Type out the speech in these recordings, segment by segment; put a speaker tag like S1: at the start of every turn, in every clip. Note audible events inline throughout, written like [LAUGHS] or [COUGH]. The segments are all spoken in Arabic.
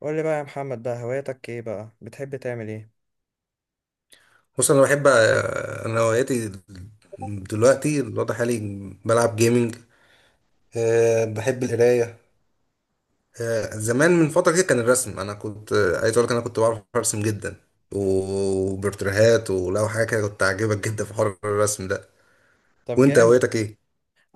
S1: قول لي بقى يا محمد بقى، هواياتك ايه بقى؟ بتحب تعمل ايه؟
S2: بص، انا بحب، انا هواياتي دلوقتي الوضع حالي. بلعب جيمنج. بحب القرايه. زمان من فتره كده كان الرسم. انا كنت عايز اقول لك انا كنت بعرف ارسم جدا، وبورتريهات ولو حاجه كده كنت عاجبك جدا في حوار الرسم ده.
S1: طب
S2: وانت
S1: جامد.
S2: هوايتك ايه؟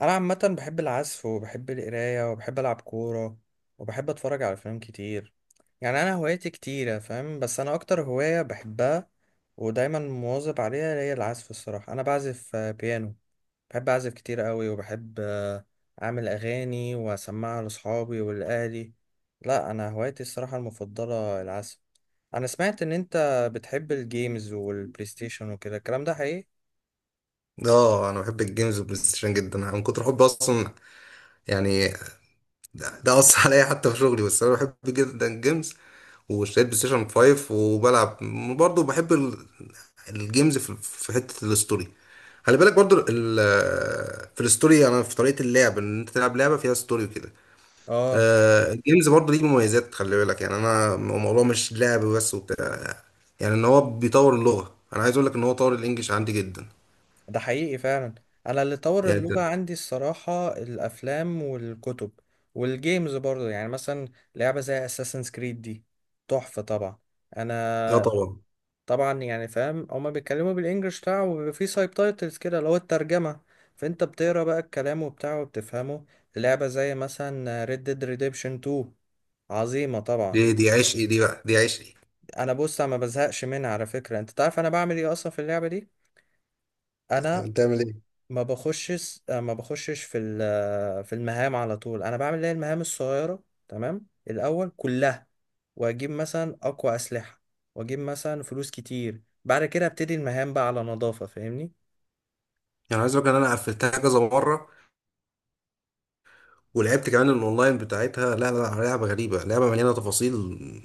S1: انا عامه بحب العزف، وبحب القرايه، وبحب العب كوره، وبحب اتفرج على افلام كتير. يعني انا هواياتي كتيره فاهم، بس انا اكتر هوايه بحبها ودايما مواظب عليها هي العزف. الصراحه انا بعزف بيانو. بحب اعزف كتير قوي، وبحب اعمل اغاني واسمعها لاصحابي ولاهلي. لا، انا هوايتي الصراحه المفضله العزف. انا سمعت ان انت بتحب الجيمز والبلاي ستيشن وكده، الكلام ده حقيقي؟
S2: اه، انا بحب الجيمز والبلاي ستيشن جدا. انا من كتر حبي اصلا يعني ده أثر عليا حتى في شغلي. بس أنا بحب جدا الجيمز واشتريت بلاي ستيشن 5 وبلعب. برضه بحب الجيمز في حتة الستوري. خلي بالك برضه في الستوري أنا في طريقة اللعب إن أنت تلعب لعبة فيها ستوري وكده.
S1: اه،
S2: الجيمز برضه ليه مميزات. خلي بالك يعني أنا الموضوع مش لعب بس وبتاع. يعني إن هو بيطور اللغة، أنا عايز أقول لك إن هو طور الإنجليش عندي جدا.
S1: ده حقيقي فعلا. انا اللي طور
S2: يعني أنت
S1: اللغة عندي الصراحة الافلام والكتب، والجيمز برضه، يعني مثلا لعبة زي اساسن كريد دي تحفة طبعا.
S2: لا
S1: انا
S2: طبعا.
S1: طبعا يعني فاهم هما بيتكلموا بالانجلش بتاعه، وبيبقى فيه سايب تايتلز كده اللي هو الترجمة، فانت بتقرا بقى الكلام وبتاعه وبتفهمه. لعبة زي مثلا ريد ديد ريديمشن 2 عظيمة طبعا.
S2: دي عشقي، دي بقى دي عشقي.
S1: انا بص، انا ما بزهقش منها على فكره، انت تعرف انا بعمل ايه اصلا في اللعبه دي؟ انا
S2: بتعمل ايه؟
S1: ما بخشش في في المهام على طول، انا بعمل اللي هي المهام الصغيره تمام الاول كلها، واجيب مثلا اقوى اسلحه، واجيب مثلا فلوس كتير، بعد كده ابتدي المهام بقى على نظافه فاهمني.
S2: يعني عايز اقول لك ان انا قفلتها كذا مره ولعبت كمان الاونلاين بتاعتها. لا لا لا، لعبه غريبه، لعبه مليانه تفاصيل،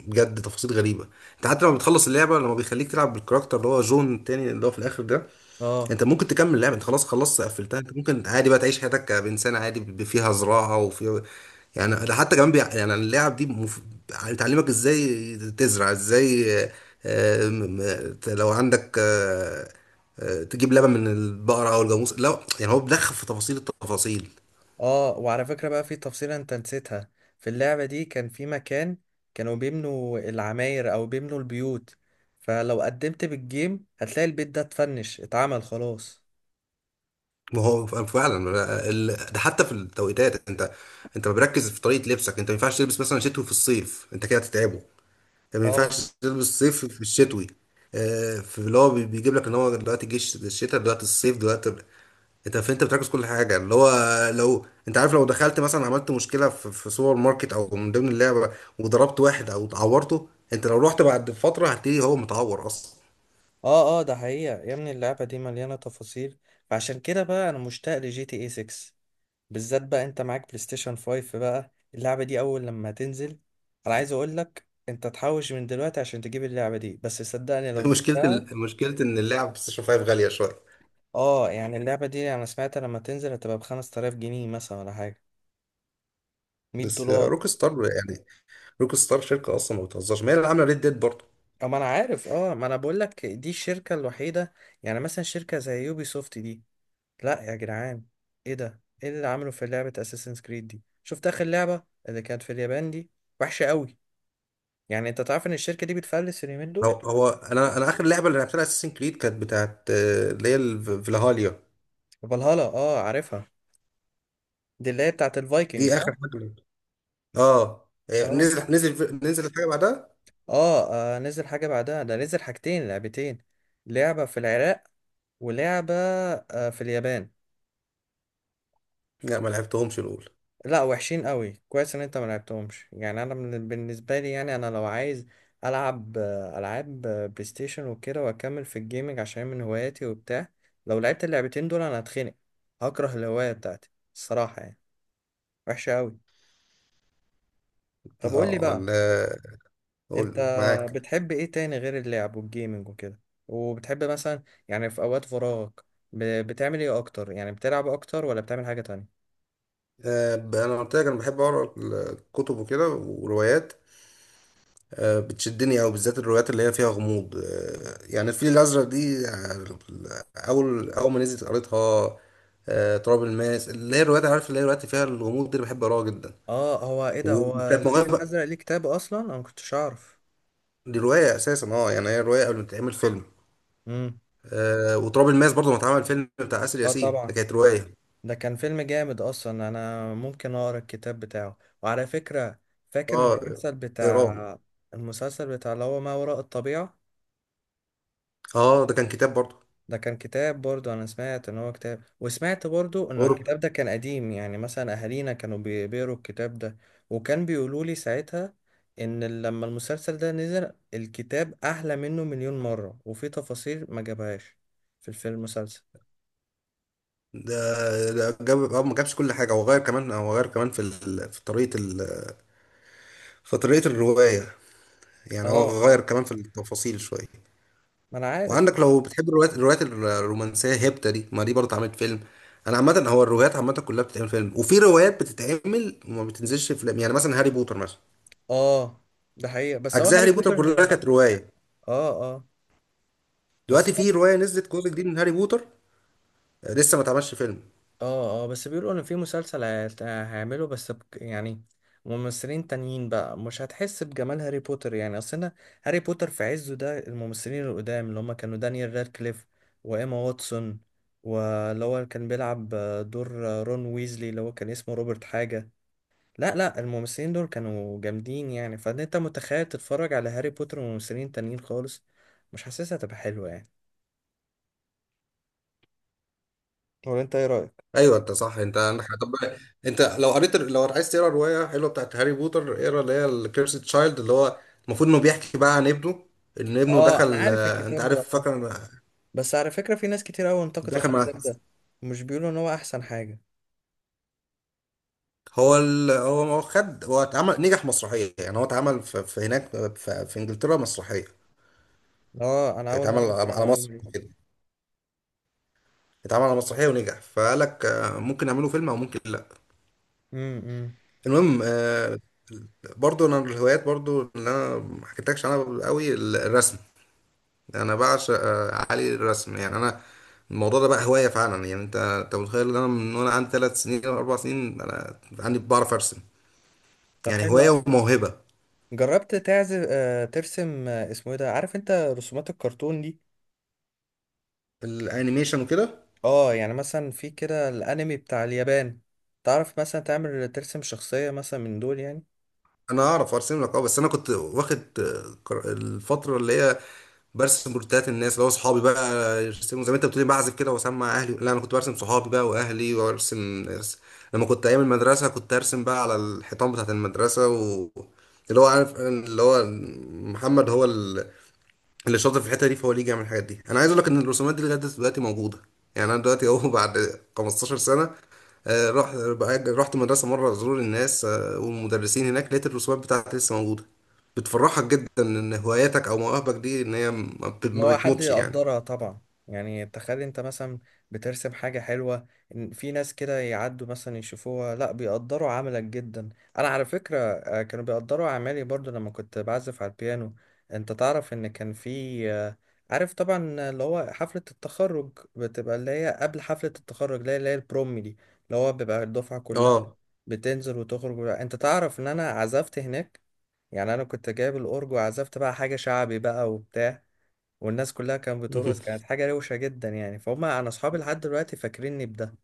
S2: بجد تفاصيل غريبه. انت حتى لما بتخلص اللعبه لما بيخليك تلعب بالكاركتر اللي هو جون التاني اللي هو في الاخر ده،
S1: اه
S2: انت ممكن تكمل اللعبه. انت خلاص خلصت قفلتها، انت ممكن عادي بقى تعيش حياتك بانسان عادي فيها زراعه وفيها. يعني ده حتى كمان يعني اللعب دي بتعلمك ازاي تزرع ازاي. لو عندك تجيب لبن من البقرة أو الجاموس. لا يعني هو بيدخل في تفاصيل التفاصيل.
S1: اه، وعلى فكرة بقى في تفصيلة انت نسيتها، في اللعبة دي كان في مكان كانوا بيبنوا العماير او بيبنوا البيوت، فلو قدمت بالجيم هتلاقي البيت ده اتفنش، اتعمل خلاص.
S2: ما هو فعلا، ده حتى في التوقيتات. انت بركز في طريقه لبسك. انت ما ينفعش تلبس مثلا شتوي في الصيف، انت كده هتتعبه. انت ما
S1: اه
S2: ينفعش تلبس صيف في الشتوي. في اللي هو بيجيب لك ان هو دلوقتي جيش الشتاء دلوقتي الصيف دلوقتي. انت فانت بتركز كل حاجه اللي هو لو انت عارف لو دخلت مثلا عملت مشكله في سوبر ماركت او من ضمن اللعبه، وضربت واحد او اتعورته، انت لو رحت بعد فتره هتلاقيه هو متعور اصلا.
S1: اه اه، ده حقيقة يا ابني، اللعبة دي مليانة تفاصيل. فعشان كده بقى انا مشتاق لجي تي اي 6، بالذات بقى انت معاك بلاي ستيشن 5، بقى اللعبة دي اول لما تنزل انا عايز اقولك انت تحوش من دلوقتي عشان تجيب اللعبة دي، بس صدقني
S2: [LAUGHS]
S1: لو
S2: مشكله
S1: جبتها.
S2: مشكله ان اللعب بلاي ستيشن 5 غاليه شويه.
S1: اه يعني اللعبة دي انا سمعت لما تنزل هتبقى بخمس تلاف جنيه مثلا، ولا حاجة، مية
S2: بس
S1: دولار
S2: روك ستار يعني، روك ستار شركه اصلا ما بتهزرش، ما هي اللي عامله ريد ديد برضه.
S1: اه ما انا عارف، اه ما انا بقول لك دي الشركة الوحيدة. يعني مثلا شركة زي يوبي سوفت دي، لا يا جدعان، ايه ده؟ ايه اللي عمله في لعبة اساسنز كريد دي؟ شفت اخر لعبة اللي كانت في اليابان دي؟ وحشة قوي. يعني انت تعرف ان الشركة دي بتفلس اليومين
S2: هو
S1: دول.
S2: هو انا اخر لعبه اللي لعبتها اساسن كريد كانت بتاعت اللي هي فلاهاليا.
S1: فالهالا، اه عارفها، دي اللي هي بتاعت الفايكنج
S2: دي
S1: صح؟
S2: اخر حاجه لعبتها. اه،
S1: اه
S2: نزل نزل نزل الحاجه بعدها.
S1: اه، نزل حاجة بعدها، ده نزل حاجتين لعبتين، لعبة في العراق، ولعبة في اليابان.
S2: لا ما لعبتهمش الاولى.
S1: لا وحشين قوي، كويس ان انت ما لعبتهمش، يعني انا بالنسبة لي، يعني انا لو عايز العب العاب بلاي ستيشن وكده واكمل في الجيمنج عشان من هواياتي وبتاع، لو لعبت اللعبتين دول انا هتخنق، هكره الهواية بتاعتي الصراحة يعني، وحشة قوي. طب قول لي
S2: اه،
S1: بقى،
S2: لا،
S1: انت
S2: قول معاك.
S1: بتحب ايه تاني غير اللعب والجيمنج وكده؟ وبتحب مثلا يعني في اوقات فراغك بتعمل ايه اكتر؟ يعني بتلعب اكتر ولا بتعمل حاجة تانية؟
S2: انا قلت لك انا بحب اقرا الكتب وكده وروايات. بتشدني أوي بالذات الروايات اللي هي فيها غموض. يعني الفيل الأزرق دي، أول أول ما نزلت قريتها. تراب الماس، اللي هي الروايات، عارف، اللي هي الروايات اللي فيها الغموض دي اللي بحب أقراها جدا.
S1: اه هو ايه ده، هو
S2: وكانت
S1: الفيل
S2: مغامرة.
S1: الازرق ليه كتاب اصلا؟ انا ما كنتش اعرف.
S2: دي رواية أساسا. أه يعني هي رواية قبل ما تتعمل فيلم.
S1: امم.
S2: وتراب الماس برضه ما اتعمل فيلم بتاع آسر
S1: اه
S2: ياسين، ده
S1: طبعا،
S2: كانت رواية.
S1: ده كان فيلم جامد اصلا، انا ممكن اقرا الكتاب بتاعه. وعلى فكره، فاكر
S2: أه،
S1: المسلسل
S2: إيران.
S1: بتاع، المسلسل بتاع اللي هو ما وراء الطبيعه؟
S2: أه، ده كان كتاب برضه.
S1: ده كان كتاب برضو، انا سمعت ان هو كتاب، وسمعت برضو ان
S2: غرب.
S1: الكتاب ده كان قديم، يعني مثلا اهالينا كانوا بيقروا الكتاب ده، وكان بيقولوا لي ساعتها ان لما المسلسل ده نزل الكتاب احلى منه مليون مرة، وفي تفاصيل ما جابهاش في الفيلم المسلسل.
S2: ده جاب، اه، ما جابش كل حاجه. هو غير كمان في طريقه في طريقه الروايه. يعني
S1: اه
S2: هو غير
S1: اه
S2: كمان في التفاصيل شوية.
S1: ما انا عارف.
S2: وعندك لو بتحب الروايات، الروايات الرومانسية هيبتا دي ما دي برضه اتعملت فيلم. أنا عامة هو الروايات عامة كلها بتتعمل فيلم، وفي روايات بتتعمل وما بتنزلش فيلم، يعني مثلا هاري بوتر مثلا.
S1: اه ده حقيقة، بس هو
S2: أجزاء
S1: هاري
S2: هاري بوتر كلها
S1: بوتر.
S2: كانت رواية.
S1: اه اه بس
S2: دلوقتي
S1: هو،
S2: في رواية نزلت جزء جديد من هاري بوتر، لسه ما اتعملش فيلم.
S1: اه اه، بس بيقولوا ان في مسلسل هيعمله، بس بك يعني ممثلين تانيين بقى، مش هتحس بجمال هاري بوتر يعني، اصل انا هاري بوتر في عزه ده الممثلين القدام اللي هم كانوا دانيال رادكليف، وايما واتسون، واللي هو كان بيلعب دور رون ويزلي اللي هو كان اسمه روبرت حاجة، لا لا الممثلين دول كانوا جامدين، يعني فان انت متخيل تتفرج على هاري بوتر وممثلين تانيين خالص، مش حاسسها تبقى حلوة يعني، ولا انت ايه رأيك؟
S2: ايوه انت صح، انت عندك حق. طب انت لو قريت، لو عايز تقرا روايه حلوه بتاعت هاري بوتر، اقرا اللي هي الكيرسي تشايلد، اللي هو المفروض انه بيحكي بقى عن ابنه، ان ابنه
S1: اه انا
S2: دخل
S1: عارف
S2: انت
S1: الكتاب ده
S2: عارف، فاكر،
S1: بس على فكرة في ناس كتير قوي انتقدت
S2: دخل مع
S1: الكتاب ده، مش بيقولوا ان هو احسن حاجة.
S2: هو خد. هو اتعمل، نجح مسرحية. يعني هو اتعمل في هناك، في انجلترا مسرحية.
S1: اه انا اول
S2: اتعمل
S1: مرة اسمع
S2: على مصر
S1: المعلومة دي.
S2: كده، اتعمل على مسرحية ونجح، فقال لك ممكن نعمله فيلم او ممكن لا.
S1: امم.
S2: المهم برضو انا من الهوايات برضو اللي انا ما حكيتلكش عنها قوي الرسم. انا بعشق علي الرسم. يعني انا الموضوع ده بقى هواية فعلا. يعني انت متخيل ان انا من وانا عندي 3 سنين او 4 سنين انا عندي بعرف ارسم.
S1: طب
S2: يعني
S1: حلو
S2: هواية
S1: قوي،
S2: وموهبة.
S1: جربت تعزف آه ترسم اسمه ايه ده، عارف انت رسومات الكرتون دي؟
S2: الانيميشن وكده.
S1: اه يعني مثلا في كده الانمي بتاع اليابان، تعرف مثلا تعمل ترسم شخصية مثلا من دول يعني؟
S2: انا اعرف ارسم لك اه، بس انا كنت واخد قر- الفتره اللي هي برسم بورتريهات الناس، اللي هو صحابي بقى يرسموا زي ما انت بتقولي بعزف كده واسمع اهلي، لا انا كنت برسم صحابي بقى واهلي وارسم ناس. لما كنت ايام المدرسه كنت ارسم بقى على الحيطان بتاعت المدرسه اللي هو عارف اللي هو محمد، هو اللي شاطر في الحته دي، فهو اللي يجي يعمل الحاجات دي. انا عايز اقول لك ان الرسومات دي لغايه دلوقتي موجوده. يعني انا دلوقتي اهو بعد 15 سنه، رحت بقى- رحت مدرسه مره ازور الناس والمدرسين هناك، لقيت الرسومات بتاعتي لسه موجوده. بتفرحك جدا ان هواياتك او مواهبك دي ان هي
S1: اللي
S2: ما
S1: هو حد
S2: بتموتش يعني.
S1: يقدرها طبعا، يعني تخيل انت مثلا بترسم حاجة حلوة، إن في ناس كده يعدوا مثلا يشوفوها، لا بيقدروا عملك جدا. انا على فكرة كانوا بيقدروا اعمالي برضو لما كنت بعزف على البيانو، انت تعرف ان كان في آه، عارف طبعا اللي هو حفلة التخرج بتبقى، اللي هي قبل حفلة التخرج اللي هي البروم دي، اللي هو بيبقى الدفعة كلها
S2: اه.
S1: بتنزل وتخرج، انت تعرف ان انا عزفت هناك؟ يعني انا كنت جايب الاورج، وعزفت بقى حاجة شعبي بقى وبتاع، والناس كلها كانت بترقص، كانت
S2: [LAUGHS]
S1: حاجة روشة جدا يعني، فهم أنا أصحابي لحد دلوقتي فاكريني بده.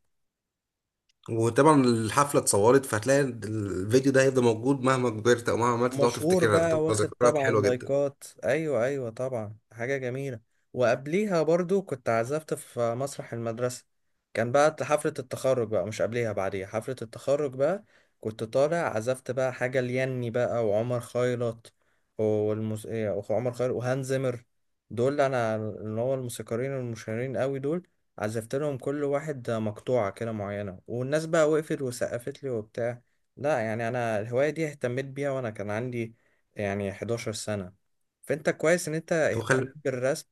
S2: وطبعا الحفله اتصورت، فهتلاقي الفيديو ده هيفضل موجود مهما كبرت او مهما عملت، تقعد
S1: ومشهور
S2: تفتكرها
S1: بقى،
S2: تبقى
S1: واخد
S2: ذكريات
S1: طبعا
S2: حلوه جدا.
S1: لايكات، ايوه ايوه طبعا، حاجه جميله. وقبليها برضو كنت عزفت في مسرح المدرسه، كان بقى حفله التخرج بقى، مش قبليها بعديها حفله التخرج بقى، كنت طالع عزفت بقى حاجه ليني بقى، وعمر خيرت، والمس... إيه، وعمر خيرت وهانز زيمر، دول انا اللي هو الموسيقارين المشهورين قوي دول، عزفت لهم كل واحد مقطوعه كده معينه، والناس بقى وقفت وسقفت لي وبتاع. لا يعني انا الهوايه دي اهتميت بيها وانا كان عندي يعني 11 سنه، فانت كويس ان انت اهتميت
S2: وخل...
S1: بالرسم،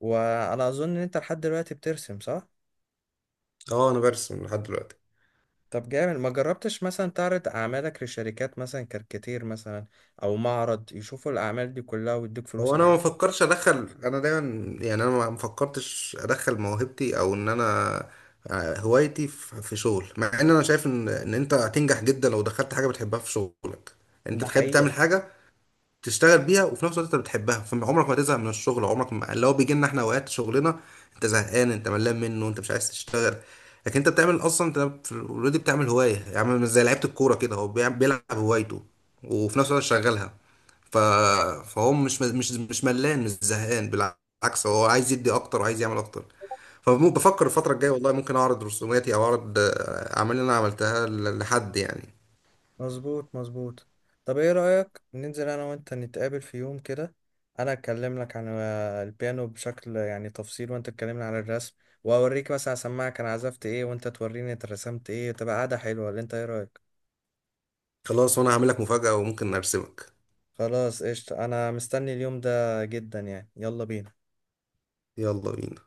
S1: وانا اظن ان انت لحد دلوقتي بترسم صح؟
S2: اه انا برسم لحد دلوقتي.
S1: طب جامد، ما جربتش مثلا تعرض اعمالك لشركات مثلا كاركاتير مثلا، او معرض يشوفوا الاعمال دي كلها ويدوك فلوس
S2: هو انا
S1: عليها؟
S2: ما فكرش ادخل، انا دايما يعني انا ما فكرتش ادخل موهبتي او ان انا هوايتي في شغل، مع ان انا شايف ان انت هتنجح جدا لو دخلت حاجه بتحبها في شغلك. انت
S1: ده
S2: تخيل
S1: حقيقة.
S2: بتعمل حاجه تشتغل بيها وفي نفس الوقت انت بتحبها، فعمرك ما تزهق من الشغل. عمرك ما اللي هو بيجي لنا احنا اوقات شغلنا انت زهقان، انت ملان منه، انت مش عايز تشتغل. لكن انت بتعمل اصلا، انت في اوريدي بتعمل هوايه. يعني مش زي لعيبه الكوره كده، هو بيلعب هوايته وفي نفس الوقت شغالها. ف... فهو مش ملان مش زهقان، بالعكس هو عايز يدي اكتر وعايز يعمل اكتر. فبفكر الفتره الجايه والله ممكن اعرض رسوماتي او اعرض اعمال اللي انا عملتها لحد يعني.
S1: مظبوط مظبوط، طب ايه رأيك ننزل انا وانت نتقابل في يوم كده، انا اتكلم لك عن البيانو بشكل يعني تفصيل، وانت تكلمني عن الرسم، واوريك مثلا اسمعك انا عزفت ايه، وانت توريني انت رسمت ايه، تبقى قاعدة حلوة، اللي انت ايه رأيك؟
S2: خلاص، وانا هعمل لك مفاجاه وممكن ارسمك.
S1: خلاص قشطة، انا مستني اليوم ده جدا يعني، يلا بينا.
S2: يلا بينا.